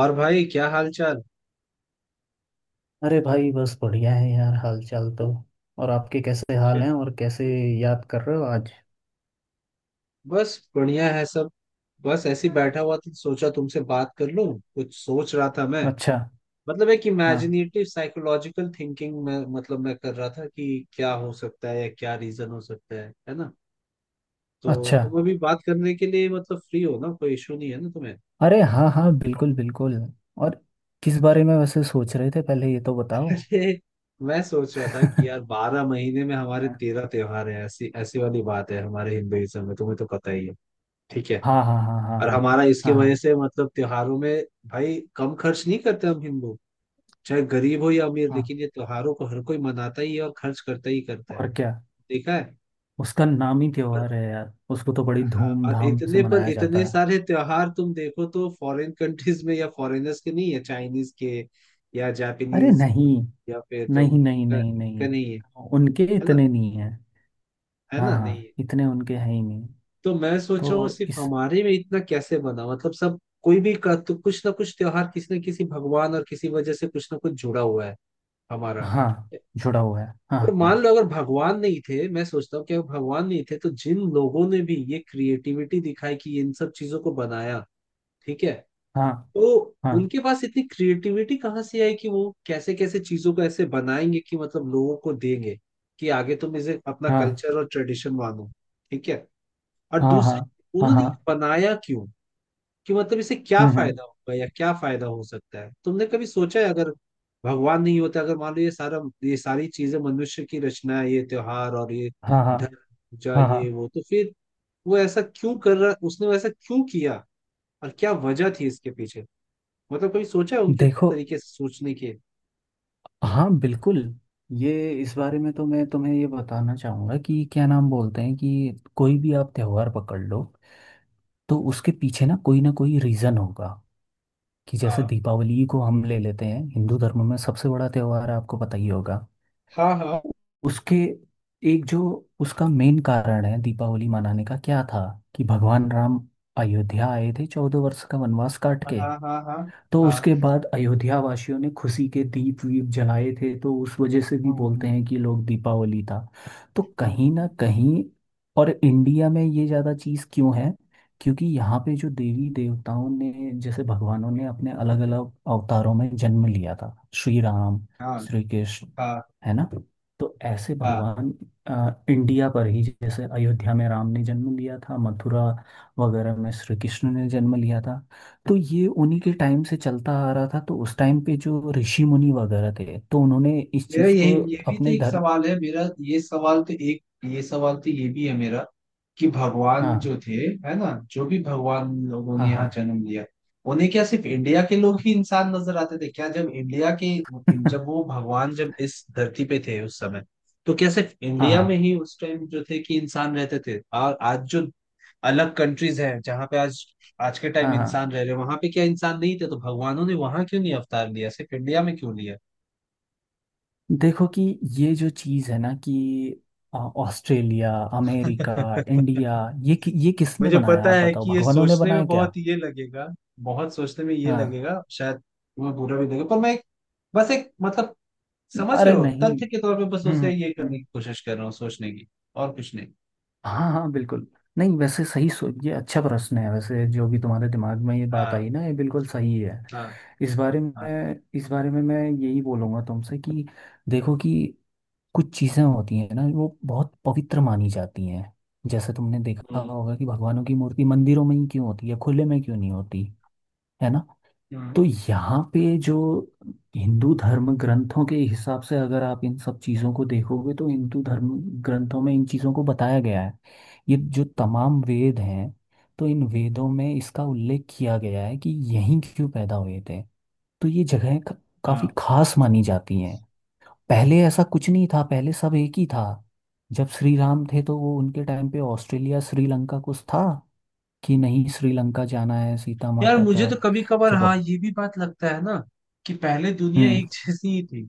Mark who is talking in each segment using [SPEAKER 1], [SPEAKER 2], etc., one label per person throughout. [SPEAKER 1] और भाई क्या हाल चाल।
[SPEAKER 2] अरे भाई, बस बढ़िया है यार, हाल चाल तो। और आपके कैसे हाल हैं? और कैसे याद कर रहे हो आज?
[SPEAKER 1] बस बढ़िया है सब। बस ऐसे ही बैठा हुआ था, सोचा तुमसे बात कर लूं। कुछ सोच रहा था मैं।
[SPEAKER 2] अच्छा।
[SPEAKER 1] मतलब एक
[SPEAKER 2] हाँ।
[SPEAKER 1] इमेजिनेटिव साइकोलॉजिकल थिंकिंग में, मतलब मैं कर रहा था कि क्या हो सकता है या क्या रीजन हो सकता है ना। तो
[SPEAKER 2] अच्छा।
[SPEAKER 1] तुम अभी बात करने के लिए मतलब फ्री हो ना, कोई इशू नहीं है ना तुम्हें।
[SPEAKER 2] अरे हाँ हाँ, बिल्कुल बिल्कुल। और किस बारे में वैसे सोच रहे थे, पहले ये तो बताओ।
[SPEAKER 1] अरे, मैं सोच रहा था कि यार बारह महीने में हमारे
[SPEAKER 2] हाँ
[SPEAKER 1] तेरह त्योहार है, ऐसी ऐसी वाली बात है हमारे हिंदुइज्म में, तुम्हें तो पता ही है। ठीक है।
[SPEAKER 2] हाँ हाँ हाँ। हाँ
[SPEAKER 1] और हमारा इसकी
[SPEAKER 2] हाँ हाँ
[SPEAKER 1] वजह से मतलब त्योहारों में भाई कम खर्च नहीं करते हम हिंदू। चाहे गरीब हो या अमीर,
[SPEAKER 2] हाँ।
[SPEAKER 1] लेकिन ये त्योहारों को हर कोई मनाता ही है और खर्च करता ही करता है।
[SPEAKER 2] और क्या।
[SPEAKER 1] देखा है।
[SPEAKER 2] उसका नाम ही
[SPEAKER 1] पर
[SPEAKER 2] त्योहार है यार, उसको तो बड़ी
[SPEAKER 1] हाँ, और
[SPEAKER 2] धूमधाम से
[SPEAKER 1] इतने पर
[SPEAKER 2] मनाया जाता
[SPEAKER 1] इतने
[SPEAKER 2] है।
[SPEAKER 1] सारे त्योहार तुम देखो तो फॉरेन कंट्रीज में या फॉरेनर्स के नहीं है, चाइनीज के या
[SPEAKER 2] अरे
[SPEAKER 1] जापानीज
[SPEAKER 2] नहीं।
[SPEAKER 1] या फिर तुम
[SPEAKER 2] नहीं नहीं
[SPEAKER 1] इनका,
[SPEAKER 2] नहीं
[SPEAKER 1] इनका
[SPEAKER 2] नहीं।
[SPEAKER 1] नहीं है।
[SPEAKER 2] उनके
[SPEAKER 1] है ना,
[SPEAKER 2] इतने नहीं है।
[SPEAKER 1] है
[SPEAKER 2] हाँ
[SPEAKER 1] ना, नहीं
[SPEAKER 2] हाँ,
[SPEAKER 1] है।
[SPEAKER 2] इतने उनके हैं ही नहीं।
[SPEAKER 1] तो मैं सोच रहा हूँ
[SPEAKER 2] तो
[SPEAKER 1] सिर्फ
[SPEAKER 2] इस।
[SPEAKER 1] हमारे में इतना कैसे बना। मतलब सब कोई भी का तो कुछ ना कुछ त्योहार किसी न किसी भगवान और किसी वजह से कुछ ना कुछ जुड़ा हुआ है हमारा।
[SPEAKER 2] हाँ, जुड़ा हुआ है
[SPEAKER 1] और
[SPEAKER 2] हाँ हाँ
[SPEAKER 1] मान लो अगर भगवान नहीं थे, मैं सोचता हूँ कि अगर भगवान नहीं थे तो जिन लोगों ने भी ये क्रिएटिविटी दिखाई कि इन सब चीजों को बनाया, ठीक है,
[SPEAKER 2] हाँ।
[SPEAKER 1] तो
[SPEAKER 2] हाँ।
[SPEAKER 1] उनके पास इतनी क्रिएटिविटी कहाँ से आई कि वो कैसे कैसे चीजों को ऐसे बनाएंगे कि मतलब लोगों को देंगे कि आगे तुम इसे अपना
[SPEAKER 2] हाँ
[SPEAKER 1] कल्चर और ट्रेडिशन मानो। ठीक है। और
[SPEAKER 2] हाँ हाँ
[SPEAKER 1] दूसरी,
[SPEAKER 2] हाँ
[SPEAKER 1] उन्होंने ये
[SPEAKER 2] हाँ।
[SPEAKER 1] बनाया क्यों, कि मतलब इसे क्या
[SPEAKER 2] हम्म।
[SPEAKER 1] फायदा होगा या क्या फायदा हो सकता है। तुमने कभी सोचा है अगर भगवान नहीं होता, अगर मान लो ये सारा, ये सारी चीजें मनुष्य की रचना है, ये त्योहार और ये
[SPEAKER 2] हाँ हाँ
[SPEAKER 1] धर्म पूजा
[SPEAKER 2] हाँ
[SPEAKER 1] ये
[SPEAKER 2] हाँ।
[SPEAKER 1] वो, तो फिर वो ऐसा क्यों कर रहा, उसने वो ऐसा क्यों किया और क्या वजह थी इसके पीछे। मतलब कभी सोचा है उनके
[SPEAKER 2] देखो।
[SPEAKER 1] तरीके से सोचने के।
[SPEAKER 2] हाँ, बिल्कुल। ये इस बारे में तो मैं तुम्हें ये बताना चाहूँगा कि क्या नाम बोलते हैं, कि कोई भी आप त्योहार पकड़ लो, तो उसके पीछे ना कोई रीज़न होगा। कि जैसे
[SPEAKER 1] हाँ
[SPEAKER 2] दीपावली को हम ले लेते हैं, हिंदू धर्म में सबसे बड़ा त्योहार है, आपको पता ही होगा।
[SPEAKER 1] हाँ हाँ
[SPEAKER 2] उसके एक जो उसका मेन कारण है दीपावली मनाने का, क्या था कि भगवान राम अयोध्या आए थे चौदह वर्ष का वनवास काट
[SPEAKER 1] हाँ
[SPEAKER 2] के।
[SPEAKER 1] हाँ हाँ
[SPEAKER 2] तो
[SPEAKER 1] हाँ
[SPEAKER 2] उसके बाद अयोध्या वासियों ने खुशी के दीप वीप जलाए थे, तो उस वजह से भी बोलते
[SPEAKER 1] हाँ
[SPEAKER 2] हैं कि लोग दीपावली था। तो कहीं ना
[SPEAKER 1] हाँ
[SPEAKER 2] कहीं। और इंडिया में ये ज़्यादा चीज़ क्यों है? क्योंकि यहाँ पे जो देवी देवताओं ने, जैसे भगवानों ने अपने अलग अलग अवतारों में जन्म लिया था। श्री राम,
[SPEAKER 1] हाँ
[SPEAKER 2] श्री कृष्ण,
[SPEAKER 1] हाँ
[SPEAKER 2] है ना। तो ऐसे
[SPEAKER 1] हाँ।
[SPEAKER 2] भगवान इंडिया पर ही, जैसे अयोध्या में राम ने जन्म लिया था, मथुरा वगैरह में श्री कृष्ण ने जन्म लिया था। तो ये उन्हीं के टाइम से चलता आ रहा था, तो उस टाइम पे जो ऋषि मुनि वगैरह थे, तो उन्होंने इस
[SPEAKER 1] मेरा
[SPEAKER 2] चीज
[SPEAKER 1] यही,
[SPEAKER 2] को
[SPEAKER 1] ये भी तो
[SPEAKER 2] अपने
[SPEAKER 1] एक
[SPEAKER 2] धर्म।
[SPEAKER 1] सवाल है मेरा, ये सवाल तो एक, ये सवाल तो ये भी है मेरा, कि भगवान जो
[SPEAKER 2] हाँ
[SPEAKER 1] थे, है ना, जो भी भगवान लोगों ने
[SPEAKER 2] हाँ हाँ।
[SPEAKER 1] यहाँ जन्म लिया, उन्हें क्या सिर्फ इंडिया के लोग ही इंसान नजर आते थे क्या? जब इंडिया के, जब वो भगवान जब इस धरती पे थे उस समय, तो क्या सिर्फ इंडिया में
[SPEAKER 2] हाँ
[SPEAKER 1] ही उस टाइम जो थे कि इंसान रहते थे, और आज जो अलग कंट्रीज हैं जहाँ पे आज, आज के
[SPEAKER 2] हाँ
[SPEAKER 1] टाइम
[SPEAKER 2] हाँ।
[SPEAKER 1] इंसान रह रहे, वहां पे क्या इंसान नहीं थे? तो भगवानों ने वहां क्यों नहीं अवतार लिया, सिर्फ इंडिया में क्यों लिया?
[SPEAKER 2] देखो कि ये जो चीज है ना कि ऑस्ट्रेलिया, अमेरिका, इंडिया, ये किसने
[SPEAKER 1] मुझे
[SPEAKER 2] बनाया?
[SPEAKER 1] पता
[SPEAKER 2] आप
[SPEAKER 1] है
[SPEAKER 2] बताओ,
[SPEAKER 1] कि ये
[SPEAKER 2] भगवानों ने
[SPEAKER 1] सोचने में
[SPEAKER 2] बनाया क्या?
[SPEAKER 1] बहुत ये लगेगा, बहुत सोचने में ये
[SPEAKER 2] हाँ।
[SPEAKER 1] लगेगा, शायद तुम्हें बुरा भी लगेगा, पर मैं एक, बस एक मतलब, समझ रहे
[SPEAKER 2] अरे
[SPEAKER 1] हो,
[SPEAKER 2] नहीं।
[SPEAKER 1] तथ्य के तौर पे बस
[SPEAKER 2] हम्म।
[SPEAKER 1] उसे ये
[SPEAKER 2] हम्म।
[SPEAKER 1] करने की कोशिश कर रहा हूँ सोचने की, और कुछ नहीं।
[SPEAKER 2] हाँ हाँ, बिल्कुल। नहीं वैसे सही, सो ये अच्छा प्रश्न है वैसे, जो भी तुम्हारे दिमाग में ये बात
[SPEAKER 1] हाँ
[SPEAKER 2] आई ना, ये बिल्कुल सही है।
[SPEAKER 1] हाँ
[SPEAKER 2] इस बारे
[SPEAKER 1] हाँ।
[SPEAKER 2] में, इस बारे में मैं यही बोलूँगा तुमसे कि देखो कि कुछ चीज़ें होती हैं ना, वो बहुत पवित्र मानी जाती हैं। जैसे तुमने देखा
[SPEAKER 1] हम्म
[SPEAKER 2] होगा कि भगवानों की मूर्ति मंदिरों में ही क्यों होती है, खुले में क्यों नहीं होती, है ना।
[SPEAKER 1] हम्म।
[SPEAKER 2] तो यहाँ पे जो हिंदू धर्म ग्रंथों के हिसाब से अगर आप इन सब चीज़ों को देखोगे, तो हिंदू धर्म ग्रंथों में इन चीज़ों को बताया गया है। ये जो तमाम वेद हैं, तो इन वेदों में इसका उल्लेख किया गया है कि यहीं क्यों पैदा हुए थे। तो ये जगहें काफ़ी
[SPEAKER 1] हाँ।
[SPEAKER 2] खास मानी जाती हैं। पहले ऐसा कुछ नहीं था, पहले सब एक ही था। जब श्री राम थे तो वो उनके टाइम पे ऑस्ट्रेलिया, श्रीलंका कुछ था कि नहीं, श्रीलंका जाना है सीता
[SPEAKER 1] यार
[SPEAKER 2] माता
[SPEAKER 1] मुझे
[SPEAKER 2] का।
[SPEAKER 1] तो कभी कभार
[SPEAKER 2] जब।
[SPEAKER 1] हाँ ये भी बात लगता है ना, कि पहले दुनिया
[SPEAKER 2] अब।
[SPEAKER 1] एक जैसी ही थी।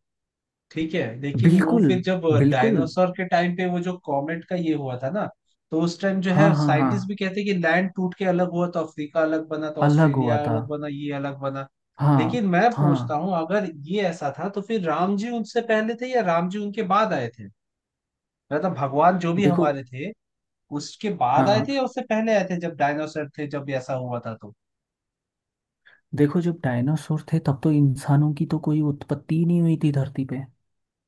[SPEAKER 1] ठीक है, लेकिन वो
[SPEAKER 2] बिल्कुल
[SPEAKER 1] फिर जब
[SPEAKER 2] बिल्कुल।
[SPEAKER 1] डायनासोर के टाइम पे वो जो कॉमेट का ये हुआ था ना, तो उस टाइम जो
[SPEAKER 2] हाँ
[SPEAKER 1] है
[SPEAKER 2] हाँ हाँ,
[SPEAKER 1] साइंटिस्ट भी कहते हैं कि लैंड टूट के अलग हुआ, तो अफ्रीका अलग बना, तो
[SPEAKER 2] अलग हुआ
[SPEAKER 1] ऑस्ट्रेलिया
[SPEAKER 2] था।
[SPEAKER 1] अलग बना, ये अलग बना।
[SPEAKER 2] हाँ
[SPEAKER 1] लेकिन मैं पूछता
[SPEAKER 2] हाँ।
[SPEAKER 1] हूँ अगर ये ऐसा था तो फिर राम जी उनसे पहले थे या राम जी उनके बाद आए थे? मतलब भगवान जो भी
[SPEAKER 2] देखो।
[SPEAKER 1] हमारे थे, उसके
[SPEAKER 2] हाँ
[SPEAKER 1] बाद आए
[SPEAKER 2] हाँ।
[SPEAKER 1] थे या उससे पहले आए थे, जब डायनासोर थे, जब ऐसा हुआ था तो?
[SPEAKER 2] देखो, जब डायनासोर थे तब तो इंसानों की तो कोई उत्पत्ति ही नहीं हुई थी धरती पे,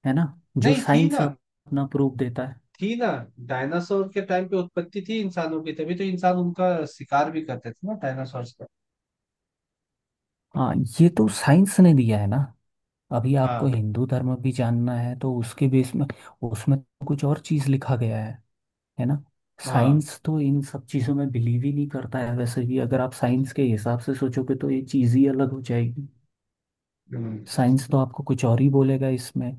[SPEAKER 2] है ना। जो
[SPEAKER 1] नहीं थी
[SPEAKER 2] साइंस
[SPEAKER 1] ना,
[SPEAKER 2] अपना प्रूफ देता है।
[SPEAKER 1] थी ना। डायनासोर के टाइम पे उत्पत्ति थी इंसानों की, तभी तो इंसान उनका शिकार भी करते थे ना डायनासोर।
[SPEAKER 2] हाँ, ये तो साइंस ने दिया है ना। अभी आपको
[SPEAKER 1] हाँ
[SPEAKER 2] हिंदू धर्म भी जानना है तो उसके बेस में, उसमें तो कुछ और चीज़ लिखा गया है ना।
[SPEAKER 1] हाँ।
[SPEAKER 2] साइंस तो इन सब चीज़ों में बिलीव ही नहीं करता है, वैसे भी अगर आप साइंस के हिसाब से सोचोगे तो ये चीज़ ही अलग हो जाएगी।
[SPEAKER 1] हम्म
[SPEAKER 2] साइंस तो आपको कुछ और ही बोलेगा इसमें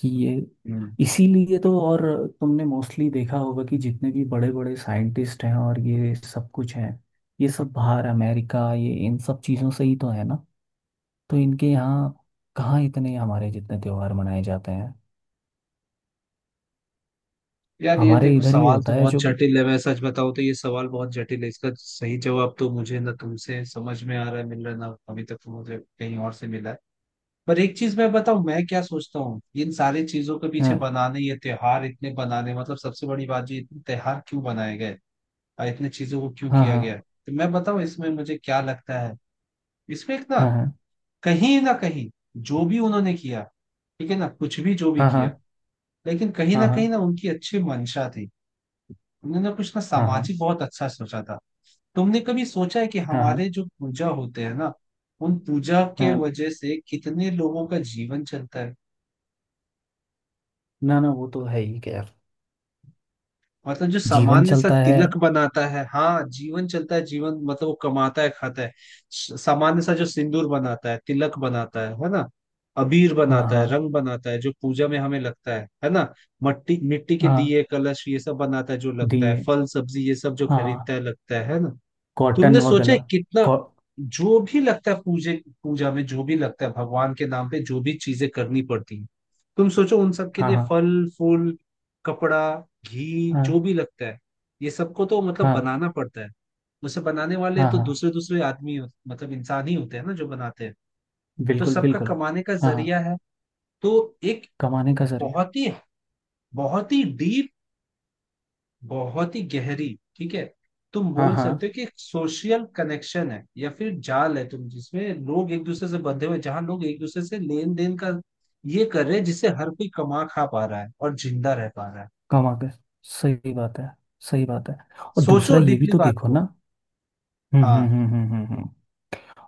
[SPEAKER 2] कि ये।
[SPEAKER 1] हम्म।
[SPEAKER 2] इसीलिए तो। और तुमने मोस्टली देखा होगा कि जितने भी बड़े बड़े साइंटिस्ट हैं और ये सब कुछ हैं, ये सब बाहर अमेरिका, ये इन सब चीज़ों से ही तो है ना। तो इनके यहाँ कहाँ इतने हमारे जितने त्योहार मनाए जाते हैं।
[SPEAKER 1] यार ये
[SPEAKER 2] हमारे
[SPEAKER 1] देखो
[SPEAKER 2] इधर ही
[SPEAKER 1] सवाल
[SPEAKER 2] होता
[SPEAKER 1] तो
[SPEAKER 2] है
[SPEAKER 1] बहुत
[SPEAKER 2] जो कुछ।
[SPEAKER 1] जटिल है, मैं सच बताऊं तो ये सवाल बहुत जटिल है, इसका सही जवाब तो मुझे ना तुमसे समझ में आ रहा है, मिल रहा है ना अभी तक, तो मुझे कहीं और से मिला है। पर एक चीज मैं बताऊं, मैं क्या सोचता हूँ इन सारी चीजों के पीछे
[SPEAKER 2] हाँ
[SPEAKER 1] बनाने ये त्योहार इतने बनाने, मतलब सबसे बड़ी बात जो इतने त्योहार क्यों बनाए गए और इतने चीजों को क्यों
[SPEAKER 2] हाँ।
[SPEAKER 1] किया
[SPEAKER 2] हाँ
[SPEAKER 1] गया है? तो मैं बताऊं इसमें मुझे क्या लगता है। इसमें एक ना,
[SPEAKER 2] हाँ।
[SPEAKER 1] कहीं ना कहीं, जो भी उन्होंने किया, ठीक है ना, कुछ भी जो भी
[SPEAKER 2] हाँ हाँ।
[SPEAKER 1] किया, लेकिन
[SPEAKER 2] हाँ
[SPEAKER 1] कहीं
[SPEAKER 2] हाँ।
[SPEAKER 1] ना उनकी अच्छी मंशा थी। उन्होंने कुछ ना
[SPEAKER 2] हाँ हाँ।
[SPEAKER 1] सामाजिक बहुत अच्छा सोचा था। तुमने कभी सोचा है कि
[SPEAKER 2] हाँ
[SPEAKER 1] हमारे
[SPEAKER 2] हाँ।
[SPEAKER 1] जो पूजा होते हैं ना, उन पूजा के
[SPEAKER 2] हाँ।
[SPEAKER 1] वजह से कितने लोगों का जीवन चलता है।
[SPEAKER 2] ना ना, वो तो है ही खैर।
[SPEAKER 1] मतलब जो
[SPEAKER 2] जीवन
[SPEAKER 1] सामान्य सा
[SPEAKER 2] चलता है।
[SPEAKER 1] तिलक बनाता है, हाँ, जीवन चलता है, जीवन मतलब वो कमाता है खाता है। सामान्य सा जो सिंदूर बनाता है, तिलक बनाता है ना, अबीर
[SPEAKER 2] हाँ
[SPEAKER 1] बनाता है,
[SPEAKER 2] हाँ
[SPEAKER 1] रंग बनाता है, जो पूजा में हमें लगता है ना, मट्टी मिट्टी के
[SPEAKER 2] हाँ।
[SPEAKER 1] दिए कलश ये सब बनाता है जो लगता है,
[SPEAKER 2] दिए।
[SPEAKER 1] फल सब्जी ये सब जो
[SPEAKER 2] हाँ हाँ।
[SPEAKER 1] खरीदता है लगता है ना।
[SPEAKER 2] कॉटन
[SPEAKER 1] तुमने
[SPEAKER 2] व
[SPEAKER 1] सोचा
[SPEAKER 2] गला।
[SPEAKER 1] है कितना
[SPEAKER 2] कॉ।
[SPEAKER 1] जो भी लगता है पूजे पूजा में जो भी लगता है, भगवान के नाम पे जो भी चीजें करनी पड़ती हैं, तुम सोचो उन सब के
[SPEAKER 2] हाँ
[SPEAKER 1] लिए,
[SPEAKER 2] हाँ।
[SPEAKER 1] फल, फूल, कपड़ा, घी, जो
[SPEAKER 2] हाँ
[SPEAKER 1] भी लगता है, ये सबको तो मतलब
[SPEAKER 2] हाँ।
[SPEAKER 1] बनाना पड़ता है। उसे बनाने वाले
[SPEAKER 2] हाँ
[SPEAKER 1] तो
[SPEAKER 2] हाँ,
[SPEAKER 1] दूसरे दूसरे मतलब इंसान ही होते हैं ना जो बनाते हैं। तो
[SPEAKER 2] बिल्कुल
[SPEAKER 1] सबका
[SPEAKER 2] बिल्कुल।
[SPEAKER 1] कमाने का
[SPEAKER 2] हाँ हाँ।
[SPEAKER 1] जरिया है। तो एक
[SPEAKER 2] कमाने का जरिया।
[SPEAKER 1] बहुत ही, बहुत ही डीप, बहुत ही गहरी, ठीक है। तुम
[SPEAKER 2] हाँ
[SPEAKER 1] बोल
[SPEAKER 2] हाँ।
[SPEAKER 1] सकते हो कि एक सोशल कनेक्शन है या फिर जाल है तुम, जिसमें लोग एक दूसरे से बंधे हुए हैं, जहां लोग एक दूसरे से लेन देन का ये कर रहे हैं, जिससे हर कोई कमा खा पा रहा है और जिंदा रह पा रहा है।
[SPEAKER 2] कमा के, सही बात है, सही बात है। और दूसरा
[SPEAKER 1] सोचो
[SPEAKER 2] ये भी
[SPEAKER 1] डीपली
[SPEAKER 2] तो
[SPEAKER 1] बात
[SPEAKER 2] देखो
[SPEAKER 1] को।
[SPEAKER 2] ना। हम्म हम्म
[SPEAKER 1] हाँ
[SPEAKER 2] हम्म हम्म हम्म हम्म।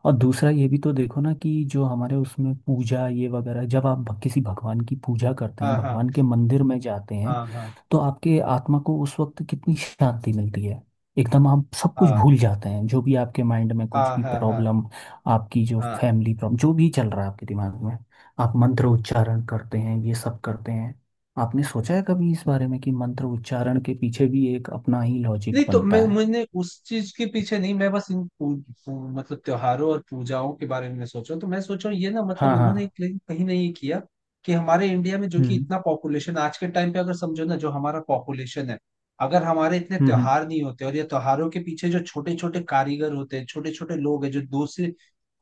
[SPEAKER 2] और दूसरा ये भी तो देखो ना कि जो हमारे उसमें पूजा ये वगैरह, जब आप किसी भगवान की पूजा करते हैं,
[SPEAKER 1] हाँ हाँ
[SPEAKER 2] भगवान के मंदिर में जाते हैं,
[SPEAKER 1] हाँ हाँ
[SPEAKER 2] तो आपके
[SPEAKER 1] हाँ
[SPEAKER 2] आत्मा को उस वक्त कितनी शांति मिलती है। एकदम आप सब कुछ
[SPEAKER 1] हाँ
[SPEAKER 2] भूल जाते हैं, जो भी आपके माइंड में कुछ
[SPEAKER 1] हाँ
[SPEAKER 2] भी
[SPEAKER 1] हाँ हाँ
[SPEAKER 2] प्रॉब्लम, आपकी जो
[SPEAKER 1] हाँ।
[SPEAKER 2] फैमिली प्रॉब्लम जो भी चल रहा है आपके दिमाग में। आप मंत्र उच्चारण करते हैं, ये सब करते हैं। आपने सोचा है कभी इस बारे में कि मंत्र उच्चारण के पीछे भी एक अपना ही लॉजिक
[SPEAKER 1] नहीं तो मैं,
[SPEAKER 2] बनता है?
[SPEAKER 1] मैंने उस चीज के पीछे नहीं, मैं बस इन पू, पू, मतलब त्योहारों और पूजाओं के बारे में मैं सोच रहा हूँ। तो मैं सोच रहा हूँ ये ना, मतलब
[SPEAKER 2] हाँ
[SPEAKER 1] उन्होंने एक,
[SPEAKER 2] हाँ।
[SPEAKER 1] लेकिन कहीं नहीं ये किया, कि हमारे इंडिया में जो कि
[SPEAKER 2] हम्म
[SPEAKER 1] इतना पॉपुलेशन आज के टाइम पे, अगर समझो ना जो हमारा पॉपुलेशन है, अगर हमारे इतने
[SPEAKER 2] हम्म हम्म
[SPEAKER 1] त्योहार नहीं होते और ये त्योहारों के पीछे जो छोटे छोटे कारीगर होते हैं, छोटे छोटे लोग हैं जो दूसरे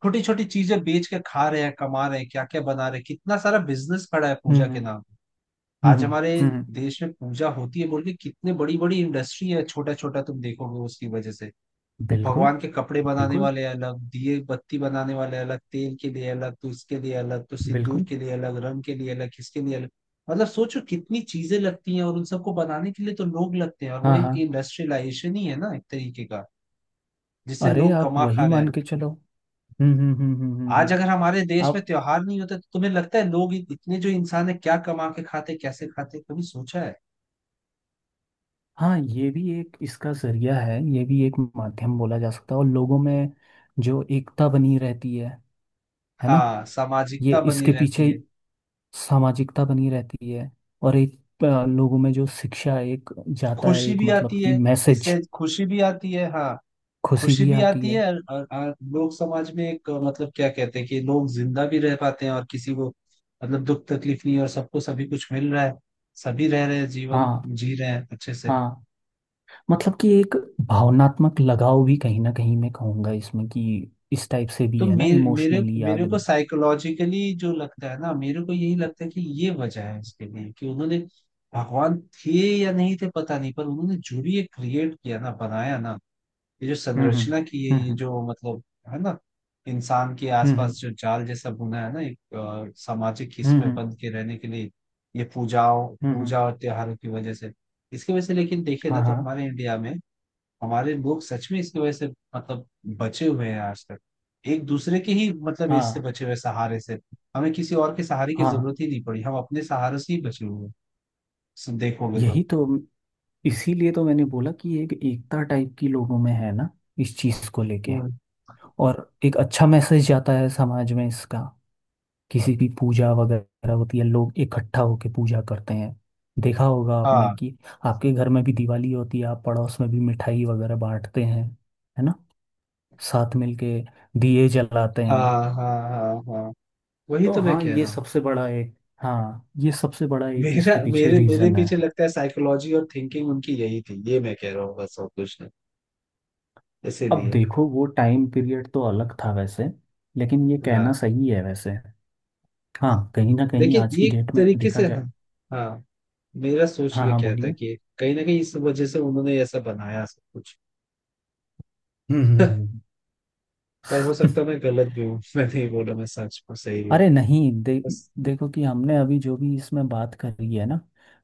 [SPEAKER 1] छोटी छोटी चीजें बेच के खा रहे हैं, कमा रहे हैं, क्या क्या बना रहे हैं, कितना सारा बिजनेस खड़ा है पूजा के
[SPEAKER 2] हम्म
[SPEAKER 1] नाम। आज हमारे
[SPEAKER 2] हम्म।
[SPEAKER 1] देश में पूजा होती है बोल के कितने बड़ी बड़ी इंडस्ट्री है, छोटा छोटा तुम देखोगे उसकी वजह से,
[SPEAKER 2] बिल्कुल
[SPEAKER 1] भगवान के कपड़े बनाने
[SPEAKER 2] बिल्कुल
[SPEAKER 1] वाले अलग, दिए बत्ती बनाने वाले अलग, तेल के लिए अलग, तो इसके लिए अलग, तो सिंदूर
[SPEAKER 2] बिल्कुल।
[SPEAKER 1] के लिए अलग, रंग के लिए अलग, किसके लिए अलग। मतलब सोचो कितनी चीजें लगती हैं, और उन सबको बनाने के लिए तो लोग लगते हैं, और वो
[SPEAKER 2] हाँ हाँ।
[SPEAKER 1] एक इंडस्ट्रियलाइजेशन ही है ना एक तरीके का, जिससे
[SPEAKER 2] अरे
[SPEAKER 1] लोग
[SPEAKER 2] आप
[SPEAKER 1] कमा
[SPEAKER 2] वही
[SPEAKER 1] खा रहे हैं।
[SPEAKER 2] मान के चलो। हम्म हम्म हम्म हम्म हम्म
[SPEAKER 1] आज
[SPEAKER 2] हम्म।
[SPEAKER 1] अगर हमारे देश में
[SPEAKER 2] आप।
[SPEAKER 1] त्योहार नहीं होते तो तुम्हें लगता है लोग इतने जो इंसान है क्या कमा के खाते, कैसे खाते, कभी सोचा है?
[SPEAKER 2] हाँ, ये भी एक इसका जरिया है, ये भी एक माध्यम बोला जा सकता है। और लोगों में जो एकता बनी रहती है ना।
[SPEAKER 1] हाँ,
[SPEAKER 2] ये
[SPEAKER 1] सामाजिकता बनी
[SPEAKER 2] इसके
[SPEAKER 1] रहती
[SPEAKER 2] पीछे।
[SPEAKER 1] है,
[SPEAKER 2] सामाजिकता बनी रहती है। और एक लोगों में जो शिक्षा एक जाता है,
[SPEAKER 1] खुशी
[SPEAKER 2] एक
[SPEAKER 1] भी
[SPEAKER 2] मतलब
[SPEAKER 1] आती
[SPEAKER 2] कि
[SPEAKER 1] है,
[SPEAKER 2] मैसेज।
[SPEAKER 1] इससे खुशी भी आती है, हाँ,
[SPEAKER 2] खुशी
[SPEAKER 1] खुशी
[SPEAKER 2] भी
[SPEAKER 1] भी
[SPEAKER 2] आती
[SPEAKER 1] आती
[SPEAKER 2] है।
[SPEAKER 1] है। और लोग समाज में एक मतलब क्या कहते हैं कि लोग जिंदा भी रह पाते हैं और किसी को मतलब दुख तकलीफ नहीं है और सबको सभी कुछ मिल रहा है, सभी रह रहे हैं, जीवन
[SPEAKER 2] हाँ
[SPEAKER 1] जी रहे हैं अच्छे से।
[SPEAKER 2] हाँ। मतलब कि एक भावनात्मक लगाव भी कहीं ना कहीं, मैं कहूँगा इसमें कि इस टाइप से भी
[SPEAKER 1] तो
[SPEAKER 2] है ना
[SPEAKER 1] मेरे मेरे
[SPEAKER 2] इमोशनली
[SPEAKER 1] मेरे को
[SPEAKER 2] आदमी।
[SPEAKER 1] साइकोलॉजिकली जो लगता है ना, मेरे को यही लगता है कि ये वजह है इसके लिए, कि उन्होंने भगवान थे या नहीं थे पता नहीं, पर उन्होंने जो भी ये क्रिएट किया ना, बनाया ना, ये जो
[SPEAKER 2] हम्म हम्म
[SPEAKER 1] संरचना की है, ये
[SPEAKER 2] हम्म
[SPEAKER 1] जो मतलब, है ना, इंसान के आसपास
[SPEAKER 2] हम्म
[SPEAKER 1] जो जाल जैसा बुना है ना, एक सामाजिक इसमें
[SPEAKER 2] हम्म
[SPEAKER 1] बंध के रहने के लिए, ये
[SPEAKER 2] हम्म।
[SPEAKER 1] पूजा और त्योहारों की वजह से, इसकी वजह से, लेकिन देखे ना
[SPEAKER 2] हाँ
[SPEAKER 1] तो
[SPEAKER 2] हाँ
[SPEAKER 1] हमारे इंडिया में हमारे लोग सच में इसकी वजह से, मतलब, बचे हुए हैं आज तक। एक दूसरे के ही मतलब इससे
[SPEAKER 2] हाँ
[SPEAKER 1] बचे हुए हैं, सहारे से। हमें किसी और के सहारे की
[SPEAKER 2] हाँ।
[SPEAKER 1] जरूरत ही नहीं पड़ी, हम अपने सहारे से ही बचे हुए हैं। सो देखोगे तो।
[SPEAKER 2] यही तो। इसीलिए तो मैंने बोला कि एक एकता टाइप की लोगों में है ना, इस चीज़ को लेके।
[SPEAKER 1] हम्म।
[SPEAKER 2] और एक अच्छा मैसेज जाता है समाज में इसका। किसी की पूजा वगैरह होती है, लोग इकट्ठा होके पूजा करते हैं। देखा होगा आपने
[SPEAKER 1] हाँ
[SPEAKER 2] कि आपके घर में भी दिवाली होती है, आप पड़ोस में भी मिठाई वगैरह बांटते हैं, है ना। साथ मिलके दिए जलाते
[SPEAKER 1] हाँ
[SPEAKER 2] हैं।
[SPEAKER 1] हाँ हाँ हाँ। वही
[SPEAKER 2] तो
[SPEAKER 1] तो मैं
[SPEAKER 2] हाँ,
[SPEAKER 1] कह
[SPEAKER 2] ये
[SPEAKER 1] रहा हूँ।
[SPEAKER 2] सबसे बड़ा एक, हाँ ये सबसे बड़ा एक
[SPEAKER 1] मेरा
[SPEAKER 2] इसके पीछे
[SPEAKER 1] मेरे मेरे
[SPEAKER 2] रीजन
[SPEAKER 1] पीछे
[SPEAKER 2] है।
[SPEAKER 1] लगता है साइकोलॉजी और थिंकिंग उनकी यही थी, ये मैं कह रहा हूँ, बस और कुछ नहीं।
[SPEAKER 2] अब
[SPEAKER 1] इसीलिए।
[SPEAKER 2] देखो वो टाइम पीरियड तो अलग था वैसे, लेकिन ये
[SPEAKER 1] हाँ।
[SPEAKER 2] कहना सही है वैसे। हाँ, कहीं ना कहीं
[SPEAKER 1] लेकिन
[SPEAKER 2] आज
[SPEAKER 1] ये
[SPEAKER 2] की
[SPEAKER 1] एक
[SPEAKER 2] डेट में
[SPEAKER 1] तरीके
[SPEAKER 2] देखा
[SPEAKER 1] से, हाँ,
[SPEAKER 2] जाए।
[SPEAKER 1] हाँ। मेरा सोच
[SPEAKER 2] हाँ
[SPEAKER 1] ये
[SPEAKER 2] हाँ,
[SPEAKER 1] क्या था
[SPEAKER 2] बोलिए।
[SPEAKER 1] कि कहीं ना कहीं इस वजह से उन्होंने ऐसा बनाया सब कुछ।
[SPEAKER 2] हम्म हम्म
[SPEAKER 1] पर हो
[SPEAKER 2] हम्म।
[SPEAKER 1] सकता है मैं गलत भी हूँ। मैं नहीं बोला मैं सच में सही हूँ।
[SPEAKER 2] अरे नहीं
[SPEAKER 1] बस।
[SPEAKER 2] देखो कि हमने अभी जो भी इसमें बात करी है ना,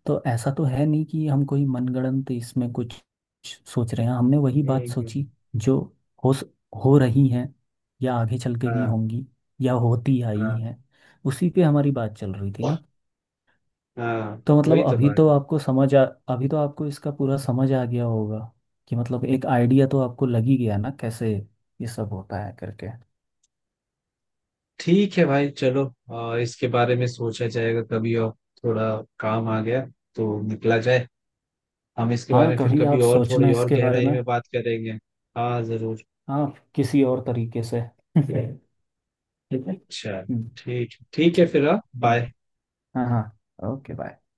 [SPEAKER 2] तो ऐसा तो है नहीं कि हम कोई मनगढ़ंत इसमें कुछ सोच रहे हैं। हमने वही
[SPEAKER 1] हम्म,
[SPEAKER 2] बात
[SPEAKER 1] हम्म,
[SPEAKER 2] सोची जो हो स- हो रही है, या आगे चल के भी
[SPEAKER 1] हाँ
[SPEAKER 2] होंगी, या होती आई
[SPEAKER 1] हाँ
[SPEAKER 2] है। उसी पे हमारी बात चल रही थी ना।
[SPEAKER 1] हाँ।
[SPEAKER 2] तो मतलब
[SPEAKER 1] वही तो बात है।
[SPEAKER 2] अभी तो आपको इसका पूरा समझ आ गया होगा कि मतलब एक आइडिया तो आपको लग ही गया ना, कैसे ये सब होता है करके।
[SPEAKER 1] ठीक है भाई, चलो। इसके बारे में सोचा जाएगा कभी और। थोड़ा काम आ गया, तो निकला जाए। हम इसके
[SPEAKER 2] हाँ,
[SPEAKER 1] बारे में फिर
[SPEAKER 2] कभी
[SPEAKER 1] कभी
[SPEAKER 2] आप
[SPEAKER 1] और
[SPEAKER 2] सोचना
[SPEAKER 1] थोड़ी और
[SPEAKER 2] इसके बारे
[SPEAKER 1] गहराई
[SPEAKER 2] में।
[SPEAKER 1] में बात करेंगे। हाँ जरूर।
[SPEAKER 2] हाँ, किसी और तरीके से। ठीक है, ठीक है।
[SPEAKER 1] चलो
[SPEAKER 2] हम्म।
[SPEAKER 1] ठीक, ठीक है
[SPEAKER 2] ठीक।
[SPEAKER 1] फिर, हाँ।
[SPEAKER 2] हम्म।
[SPEAKER 1] बाय।
[SPEAKER 2] हाँ हाँ, ओके, बाय।